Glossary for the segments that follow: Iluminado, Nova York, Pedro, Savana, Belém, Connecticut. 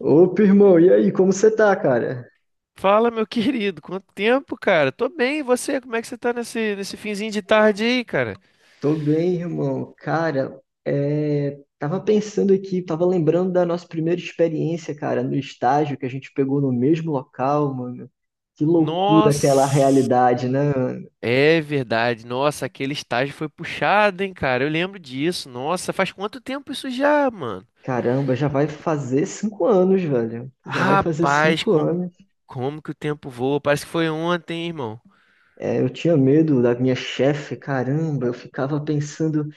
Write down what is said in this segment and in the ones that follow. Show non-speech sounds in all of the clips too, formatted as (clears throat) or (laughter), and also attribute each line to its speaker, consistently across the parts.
Speaker 1: Opa, irmão, e aí, como você tá, cara?
Speaker 2: Fala, meu querido, quanto tempo, cara? Tô bem, e você? Como é que você tá nesse finzinho de tarde aí, cara?
Speaker 1: Tô bem, irmão. Cara, é, tava pensando aqui, tava lembrando da nossa primeira experiência, cara, no estágio que a gente pegou no mesmo local, mano. Que loucura aquela
Speaker 2: Nossa,
Speaker 1: realidade, né, mano?
Speaker 2: é verdade. Nossa, aquele estágio foi puxado, hein, cara? Eu lembro disso. Nossa, faz quanto tempo isso já, mano?
Speaker 1: Caramba, já vai fazer 5 anos, velho. Já vai fazer
Speaker 2: Rapaz,
Speaker 1: cinco
Speaker 2: como,
Speaker 1: anos.
Speaker 2: como que o tempo voa? Parece que foi ontem, hein, irmão.
Speaker 1: É, eu tinha medo da minha chefe, caramba. Eu ficava pensando.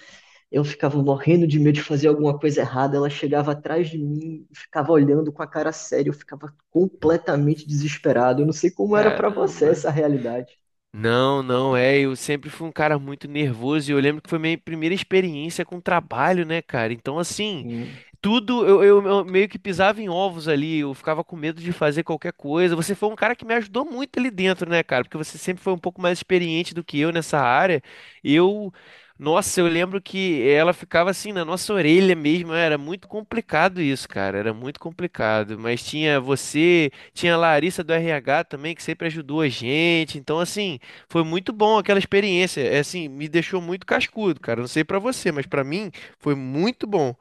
Speaker 1: Eu ficava morrendo de medo de fazer alguma coisa errada. Ela chegava atrás de mim, ficava olhando com a cara séria. Eu ficava completamente desesperado. Eu não sei como era pra você
Speaker 2: Caramba.
Speaker 1: essa realidade.
Speaker 2: Não, não, é. Eu sempre fui um cara muito nervoso e eu lembro que foi minha primeira experiência com trabalho, né, cara? Então, assim.
Speaker 1: Sim.
Speaker 2: Tudo, eu meio que pisava em ovos ali, eu ficava com medo de fazer qualquer coisa. Você foi um cara que me ajudou muito ali dentro, né, cara? Porque você sempre foi um pouco mais experiente do que eu nessa área. Eu, nossa, eu lembro que ela ficava assim na nossa orelha mesmo, era muito complicado isso, cara, era muito complicado. Mas tinha você, tinha a Larissa do RH também, que sempre ajudou a gente. Então, assim, foi muito bom aquela experiência. É, assim, me deixou muito cascudo, cara. Não sei pra você, mas pra mim foi muito bom.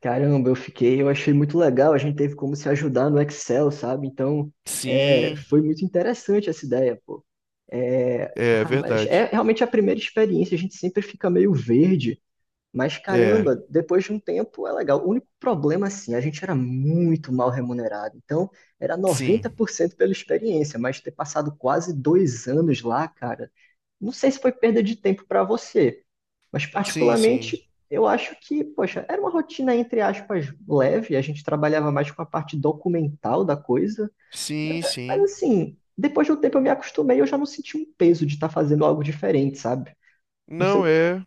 Speaker 1: Caramba, eu fiquei, eu achei muito legal. A gente teve como se ajudar no Excel, sabe? Então, é,
Speaker 2: Sim,
Speaker 1: foi muito interessante essa ideia, pô. É,
Speaker 2: é
Speaker 1: ah, mas é
Speaker 2: verdade.
Speaker 1: realmente a primeira experiência. A gente sempre fica meio verde. Mas
Speaker 2: É,
Speaker 1: caramba, depois de um tempo é legal. O único problema, assim, a gente era muito mal remunerado. Então, era
Speaker 2: sim,
Speaker 1: 90% pela experiência, mas ter passado quase 2 anos lá, cara, não sei se foi perda de tempo para você, mas
Speaker 2: sim, sim,
Speaker 1: particularmente eu acho que, poxa, era uma rotina, entre aspas, leve. A gente trabalhava mais com a parte documental da coisa, mas,
Speaker 2: sim,
Speaker 1: mas
Speaker 2: sim.
Speaker 1: assim, depois de um tempo eu me acostumei, eu já não senti um peso de estar fazendo algo diferente, sabe? Não sei.
Speaker 2: Não é.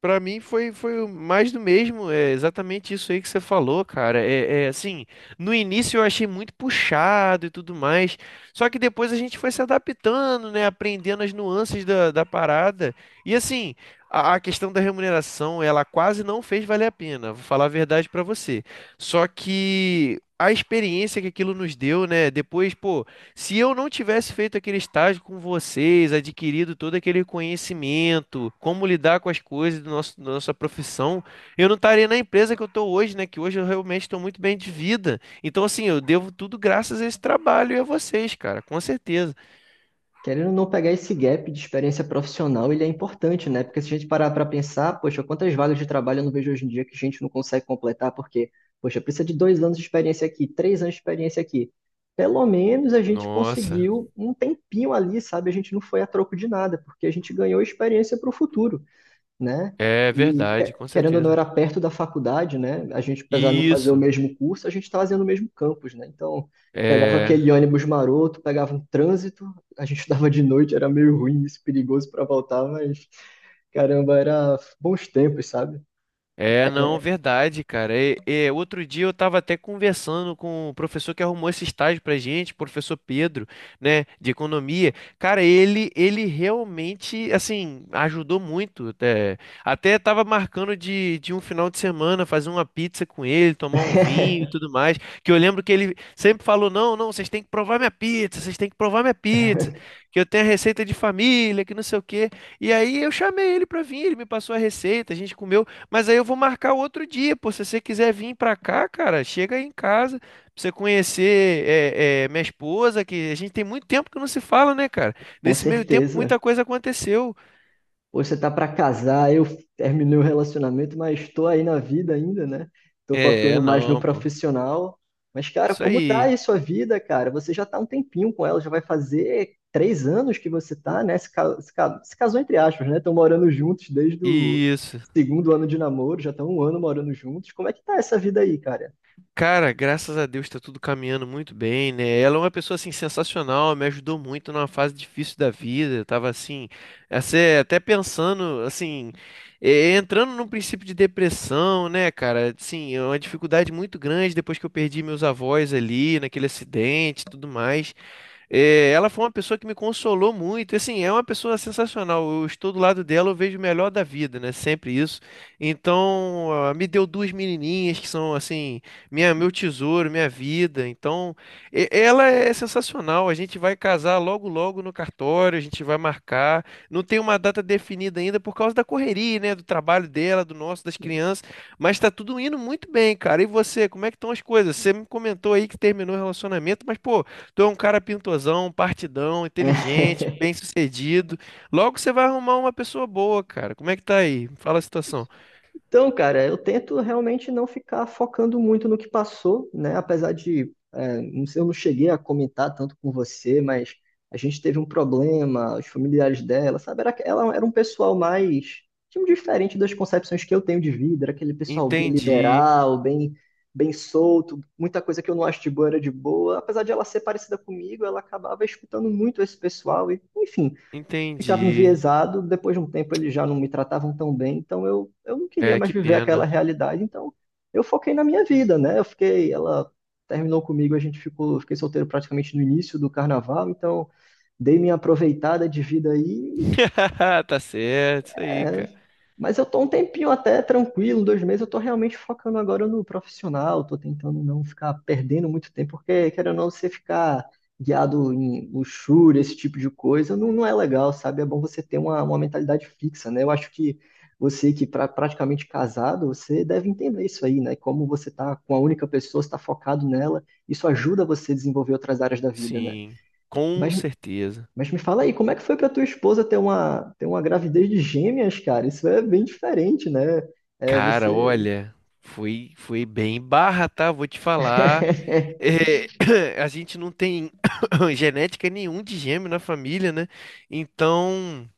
Speaker 2: Pra mim foi o mais do mesmo. É exatamente isso aí que você falou, cara. É, é assim, no início eu achei muito puxado e tudo mais. Só que depois a gente foi se adaptando, né? Aprendendo as nuances da parada. E assim, a questão da remuneração, ela quase não fez valer a pena. Vou falar a verdade pra você. Só que a experiência que aquilo nos deu, né? Depois, pô. Se eu não tivesse feito aquele estágio com vocês, adquirido todo aquele conhecimento, como lidar com as coisas do nosso, da nossa profissão, eu não estaria na empresa que eu estou hoje, né? Que hoje eu realmente estou muito bem de vida. Então, assim, eu devo tudo graças a esse trabalho e a vocês, cara, com certeza.
Speaker 1: Querendo ou não pegar esse gap de experiência profissional, ele é importante, né? Porque se a gente parar para pensar, poxa, quantas vagas de trabalho eu não vejo hoje em dia que a gente não consegue completar, porque, poxa, precisa de 2 anos de experiência aqui, 3 anos de experiência aqui. Pelo menos a gente
Speaker 2: Nossa,
Speaker 1: conseguiu um tempinho ali, sabe? A gente não foi a troco de nada, porque a gente ganhou experiência para o futuro, né?
Speaker 2: é
Speaker 1: E
Speaker 2: verdade, com
Speaker 1: querendo ou não,
Speaker 2: certeza.
Speaker 1: era perto da faculdade, né? A gente, apesar de não fazer o
Speaker 2: Isso,
Speaker 1: mesmo curso, a gente estava fazendo o mesmo campus, né? Então, pegava
Speaker 2: é.
Speaker 1: aquele ônibus maroto, pegava um trânsito, a gente (laughs) estudava de noite, era meio ruim, isso, perigoso para voltar, mas caramba, era bons tempos, sabe?
Speaker 2: É, não, verdade, cara. E outro dia eu tava até conversando com o professor que arrumou esse estágio pra gente, professor Pedro, né, de economia. Cara, ele realmente, assim, ajudou muito. É. Até tava marcando de um final de semana fazer uma pizza com ele, tomar um vinho e
Speaker 1: (laughs)
Speaker 2: tudo mais. Que eu lembro que ele sempre falou: não, não, vocês têm que provar minha pizza, vocês têm que provar minha pizza, que eu tenho a receita de família, que não sei o quê. E aí eu chamei ele pra vir, ele me passou a receita, a gente comeu, mas aí eu vou marcar outro dia, pô. Se você quiser vir pra cá, cara, chega aí em casa pra você conhecer minha esposa, que a gente tem muito tempo que não se fala, né, cara?
Speaker 1: Com
Speaker 2: Nesse meio tempo,
Speaker 1: certeza.
Speaker 2: muita coisa aconteceu.
Speaker 1: Pô, você tá para casar, eu terminei o relacionamento, mas estou aí na vida ainda, né? Tô
Speaker 2: É,
Speaker 1: focando mais no
Speaker 2: não, pô.
Speaker 1: profissional. Mas, cara,
Speaker 2: Isso
Speaker 1: como tá
Speaker 2: aí.
Speaker 1: aí sua vida, cara? Você já tá há um tempinho com ela, já vai fazer 3 anos que você tá, né? Se casou entre aspas, né? Estão morando juntos desde o
Speaker 2: Isso.
Speaker 1: segundo ano de namoro, já estão um ano morando juntos. Como é que tá essa vida aí, cara?
Speaker 2: Cara, graças a Deus tá tudo caminhando muito bem, né? Ela é uma pessoa assim sensacional, me ajudou muito numa fase difícil da vida. Eu tava assim, até pensando assim, entrando num princípio de depressão, né, cara? Sim, é uma dificuldade muito grande depois que eu perdi meus avós ali naquele acidente, e tudo mais. É, ela foi uma pessoa que me consolou muito. E, assim, é uma pessoa sensacional. Eu estou do lado dela, eu vejo o melhor da vida, né? Sempre isso. Então, ah, me deu duas menininhas que são, assim, minha, meu tesouro, minha vida. Então, ela é sensacional. A gente vai casar logo, logo no cartório. A gente vai marcar. Não tem uma data definida ainda por causa da correria, né? Do trabalho dela, do nosso, das crianças. Mas tá tudo indo muito bem, cara. E você, como é que estão as coisas? Você me comentou aí que terminou o relacionamento, mas, pô. Tu é um cara pintozão, partidão, inteligente,
Speaker 1: (laughs)
Speaker 2: bem-sucedido. Logo você vai arrumar uma pessoa boa, cara. Como é que tá aí? Me fala a situação.
Speaker 1: Então, cara, eu tento realmente não ficar focando muito no que passou, né? Apesar de, é, não sei, eu não cheguei a comentar tanto com você, mas a gente teve um problema, os familiares dela, sabe? Era, ela era um pessoal mais, tipo, diferente das concepções que eu tenho de vida, era aquele pessoal bem
Speaker 2: Entendi,
Speaker 1: liberal, bem, bem solto, muita coisa que eu não acho de boa era de boa. Apesar de ela ser parecida comigo, ela acabava escutando muito esse pessoal e, enfim, ficava
Speaker 2: entendi.
Speaker 1: enviesado, depois de um tempo eles já não me tratavam tão bem, então eu não queria
Speaker 2: É,
Speaker 1: mais
Speaker 2: que
Speaker 1: viver aquela
Speaker 2: pena.
Speaker 1: realidade, então eu foquei na minha vida, né? Eu fiquei, ela terminou comigo, a gente ficou, eu fiquei solteiro praticamente no início do carnaval, então dei minha aproveitada de vida aí,
Speaker 2: (laughs) Tá certo, isso aí,
Speaker 1: é,
Speaker 2: cara.
Speaker 1: mas eu tô um tempinho até tranquilo, 2 meses, eu tô realmente focando agora no profissional, tô tentando não ficar perdendo muito tempo, porque querendo ou não, você ficar guiado em luxúria, esse tipo de coisa, não, não é legal, sabe? É bom você ter uma mentalidade fixa, né? Eu acho que você praticamente casado, você deve entender isso aí, né? Como você tá com a única pessoa, você tá focado nela, isso ajuda você a desenvolver outras áreas da vida, né?
Speaker 2: Sim, com
Speaker 1: Mas
Speaker 2: certeza.
Speaker 1: mas me fala aí, como é que foi para tua esposa ter uma gravidez de gêmeas, cara? Isso é bem diferente, né? É,
Speaker 2: Cara,
Speaker 1: você.
Speaker 2: olha, foi bem barra, tá? Vou te falar.
Speaker 1: (laughs)
Speaker 2: É, (coughs) (clears throat) a gente não tem (coughs) (clears throat) genética nenhum de gêmeo na família, né? Então.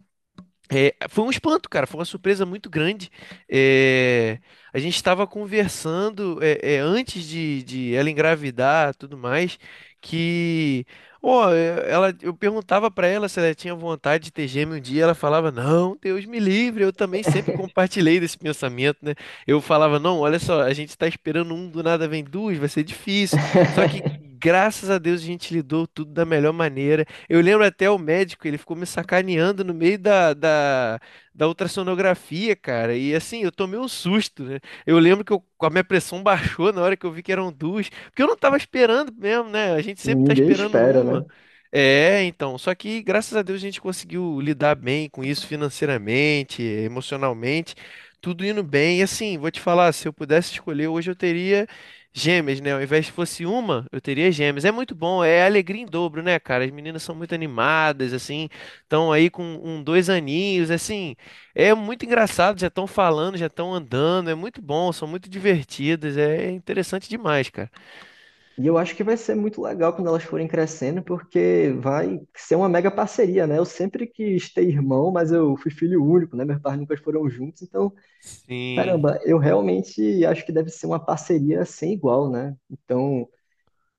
Speaker 2: É, foi um espanto, cara. Foi uma surpresa muito grande. É, a gente estava conversando antes de ela engravidar, tudo mais, que, ó, é, ela, eu perguntava para ela se ela tinha vontade de ter gêmeo um dia. Ela falava, não, Deus me livre. Eu também sempre compartilhei desse pensamento, né? Eu falava, não, olha só, a gente está esperando um, do nada vem duas, vai ser difícil. Só que graças a Deus a gente lidou tudo da melhor maneira. Eu lembro até o médico, ele ficou me sacaneando no meio da ultrassonografia, cara. E assim, eu tomei um susto, né? Eu lembro que a minha pressão (laughs) baixou na hora que eu vi que eram duas, porque eu não tava esperando mesmo, né? A gente
Speaker 1: E
Speaker 2: sempre tá
Speaker 1: ninguém
Speaker 2: esperando
Speaker 1: espera, né?
Speaker 2: uma. É, então, só que graças a Deus a gente conseguiu lidar bem com isso financeiramente, emocionalmente, tudo indo bem. E assim, vou te falar, se eu pudesse escolher, hoje eu teria gêmeas, né? Ao invés de fosse uma, eu teria gêmeas. É muito bom, é alegria em dobro, né, cara? As meninas são muito animadas, assim, estão aí com um, dois aninhos, assim, é muito engraçado, já estão falando, já estão andando, é muito bom, são muito divertidas, é interessante demais, cara.
Speaker 1: E eu acho que vai ser muito legal quando elas forem crescendo, porque vai ser uma mega parceria, né? Eu sempre quis ter irmão, mas eu fui filho único, né? Meus pais nunca foram juntos, então,
Speaker 2: Sim,
Speaker 1: caramba, eu realmente acho que deve ser uma parceria sem igual, né? Então,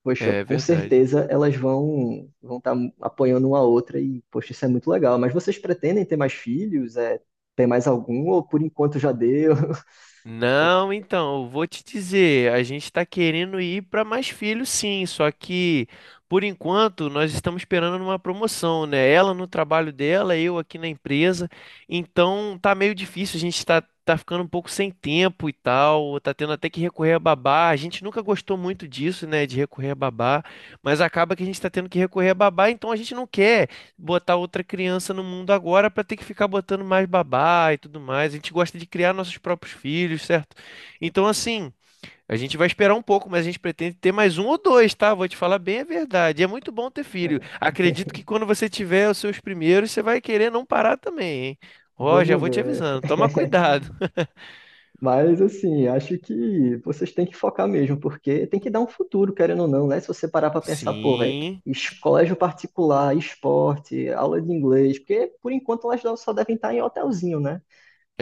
Speaker 1: poxa,
Speaker 2: é
Speaker 1: com
Speaker 2: verdade.
Speaker 1: certeza elas vão estar apoiando uma outra e, poxa, isso é muito legal. Mas vocês pretendem ter mais filhos? É, ter mais algum? Ou por enquanto já deu? (laughs) Ou-
Speaker 2: Não, então, eu vou te dizer, a gente está querendo ir para mais filhos, sim, só que por enquanto nós estamos esperando uma promoção, né? Ela no trabalho dela, eu aqui na empresa, então tá meio difícil, a gente tá, tá ficando um pouco sem tempo e tal, tá tendo até que recorrer a babá. A gente nunca gostou muito disso, né, de recorrer a babá, mas acaba que a gente tá tendo que recorrer a babá, então a gente não quer botar outra criança no mundo agora para ter que ficar botando mais babá e tudo mais. A gente gosta de criar nossos próprios filhos, certo? Então, assim, a gente vai esperar um pouco, mas a gente pretende ter mais um ou dois, tá? Vou te falar bem a verdade. É muito bom ter filho.
Speaker 1: é,
Speaker 2: Acredito que quando você tiver os seus primeiros, você vai querer não parar também, hein? Ó, já
Speaker 1: Vamos
Speaker 2: vou te
Speaker 1: ver.
Speaker 2: avisando. Toma
Speaker 1: (laughs)
Speaker 2: cuidado.
Speaker 1: Mas, assim, acho que vocês têm que focar mesmo, porque tem que dar um futuro, querendo ou não, né? Se você parar
Speaker 2: (laughs)
Speaker 1: para pensar, pô, velho,
Speaker 2: Sim,
Speaker 1: colégio particular, esporte, aula de inglês, porque por enquanto elas só devem estar em hotelzinho, né?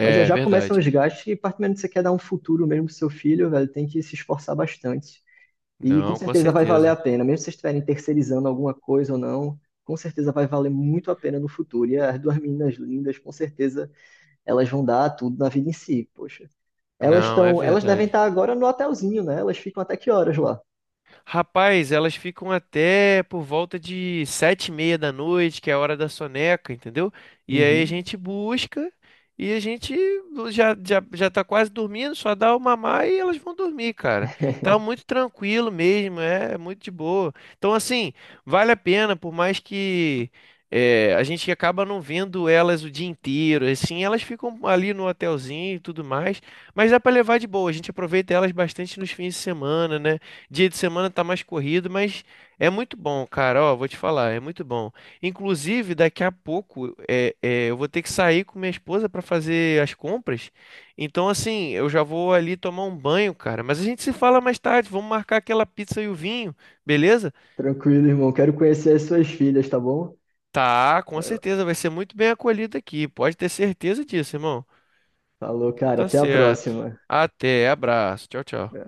Speaker 1: Mas já já começam
Speaker 2: verdade.
Speaker 1: os gastos e, particularmente, se você quer dar um futuro mesmo pro seu filho, velho, tem que se esforçar bastante. E com
Speaker 2: Não, com
Speaker 1: certeza vai valer a
Speaker 2: certeza.
Speaker 1: pena, mesmo se vocês estiverem terceirizando alguma coisa ou não, com certeza vai valer muito a pena no futuro. E as duas meninas lindas, com certeza, elas vão dar tudo na vida em si, poxa. Elas
Speaker 2: Não, é
Speaker 1: estão, elas devem
Speaker 2: verdade.
Speaker 1: estar agora no hotelzinho, né? Elas ficam até que horas lá?
Speaker 2: Rapaz, elas ficam até por volta de 7:30 da noite, que é a hora da soneca, entendeu? E aí a
Speaker 1: Uhum.
Speaker 2: gente busca e a gente já tá quase dormindo, só dá o mamar e elas vão dormir, cara. Tá
Speaker 1: (laughs)
Speaker 2: muito tranquilo mesmo, é muito de boa. Então, assim, vale a pena, por mais que é, a gente acaba não vendo elas o dia inteiro, assim, elas ficam ali no hotelzinho e tudo mais, mas dá pra levar de boa. A gente aproveita elas bastante nos fins de semana, né? Dia de semana tá mais corrido, mas é muito bom, cara. Ó, vou te falar, é muito bom. Inclusive, daqui a pouco eu vou ter que sair com minha esposa para fazer as compras. Então, assim, eu já vou ali tomar um banho, cara. Mas a gente se fala mais tarde. Vamos marcar aquela pizza e o vinho, beleza?
Speaker 1: Tranquilo, irmão. Quero conhecer as suas filhas, tá bom?
Speaker 2: Tá, com
Speaker 1: Vai lá.
Speaker 2: certeza. Vai ser muito bem acolhido aqui. Pode ter certeza disso, irmão.
Speaker 1: Falou,
Speaker 2: Então
Speaker 1: cara.
Speaker 2: tá
Speaker 1: Até a
Speaker 2: certo.
Speaker 1: próxima.
Speaker 2: Até, abraço. Tchau, tchau.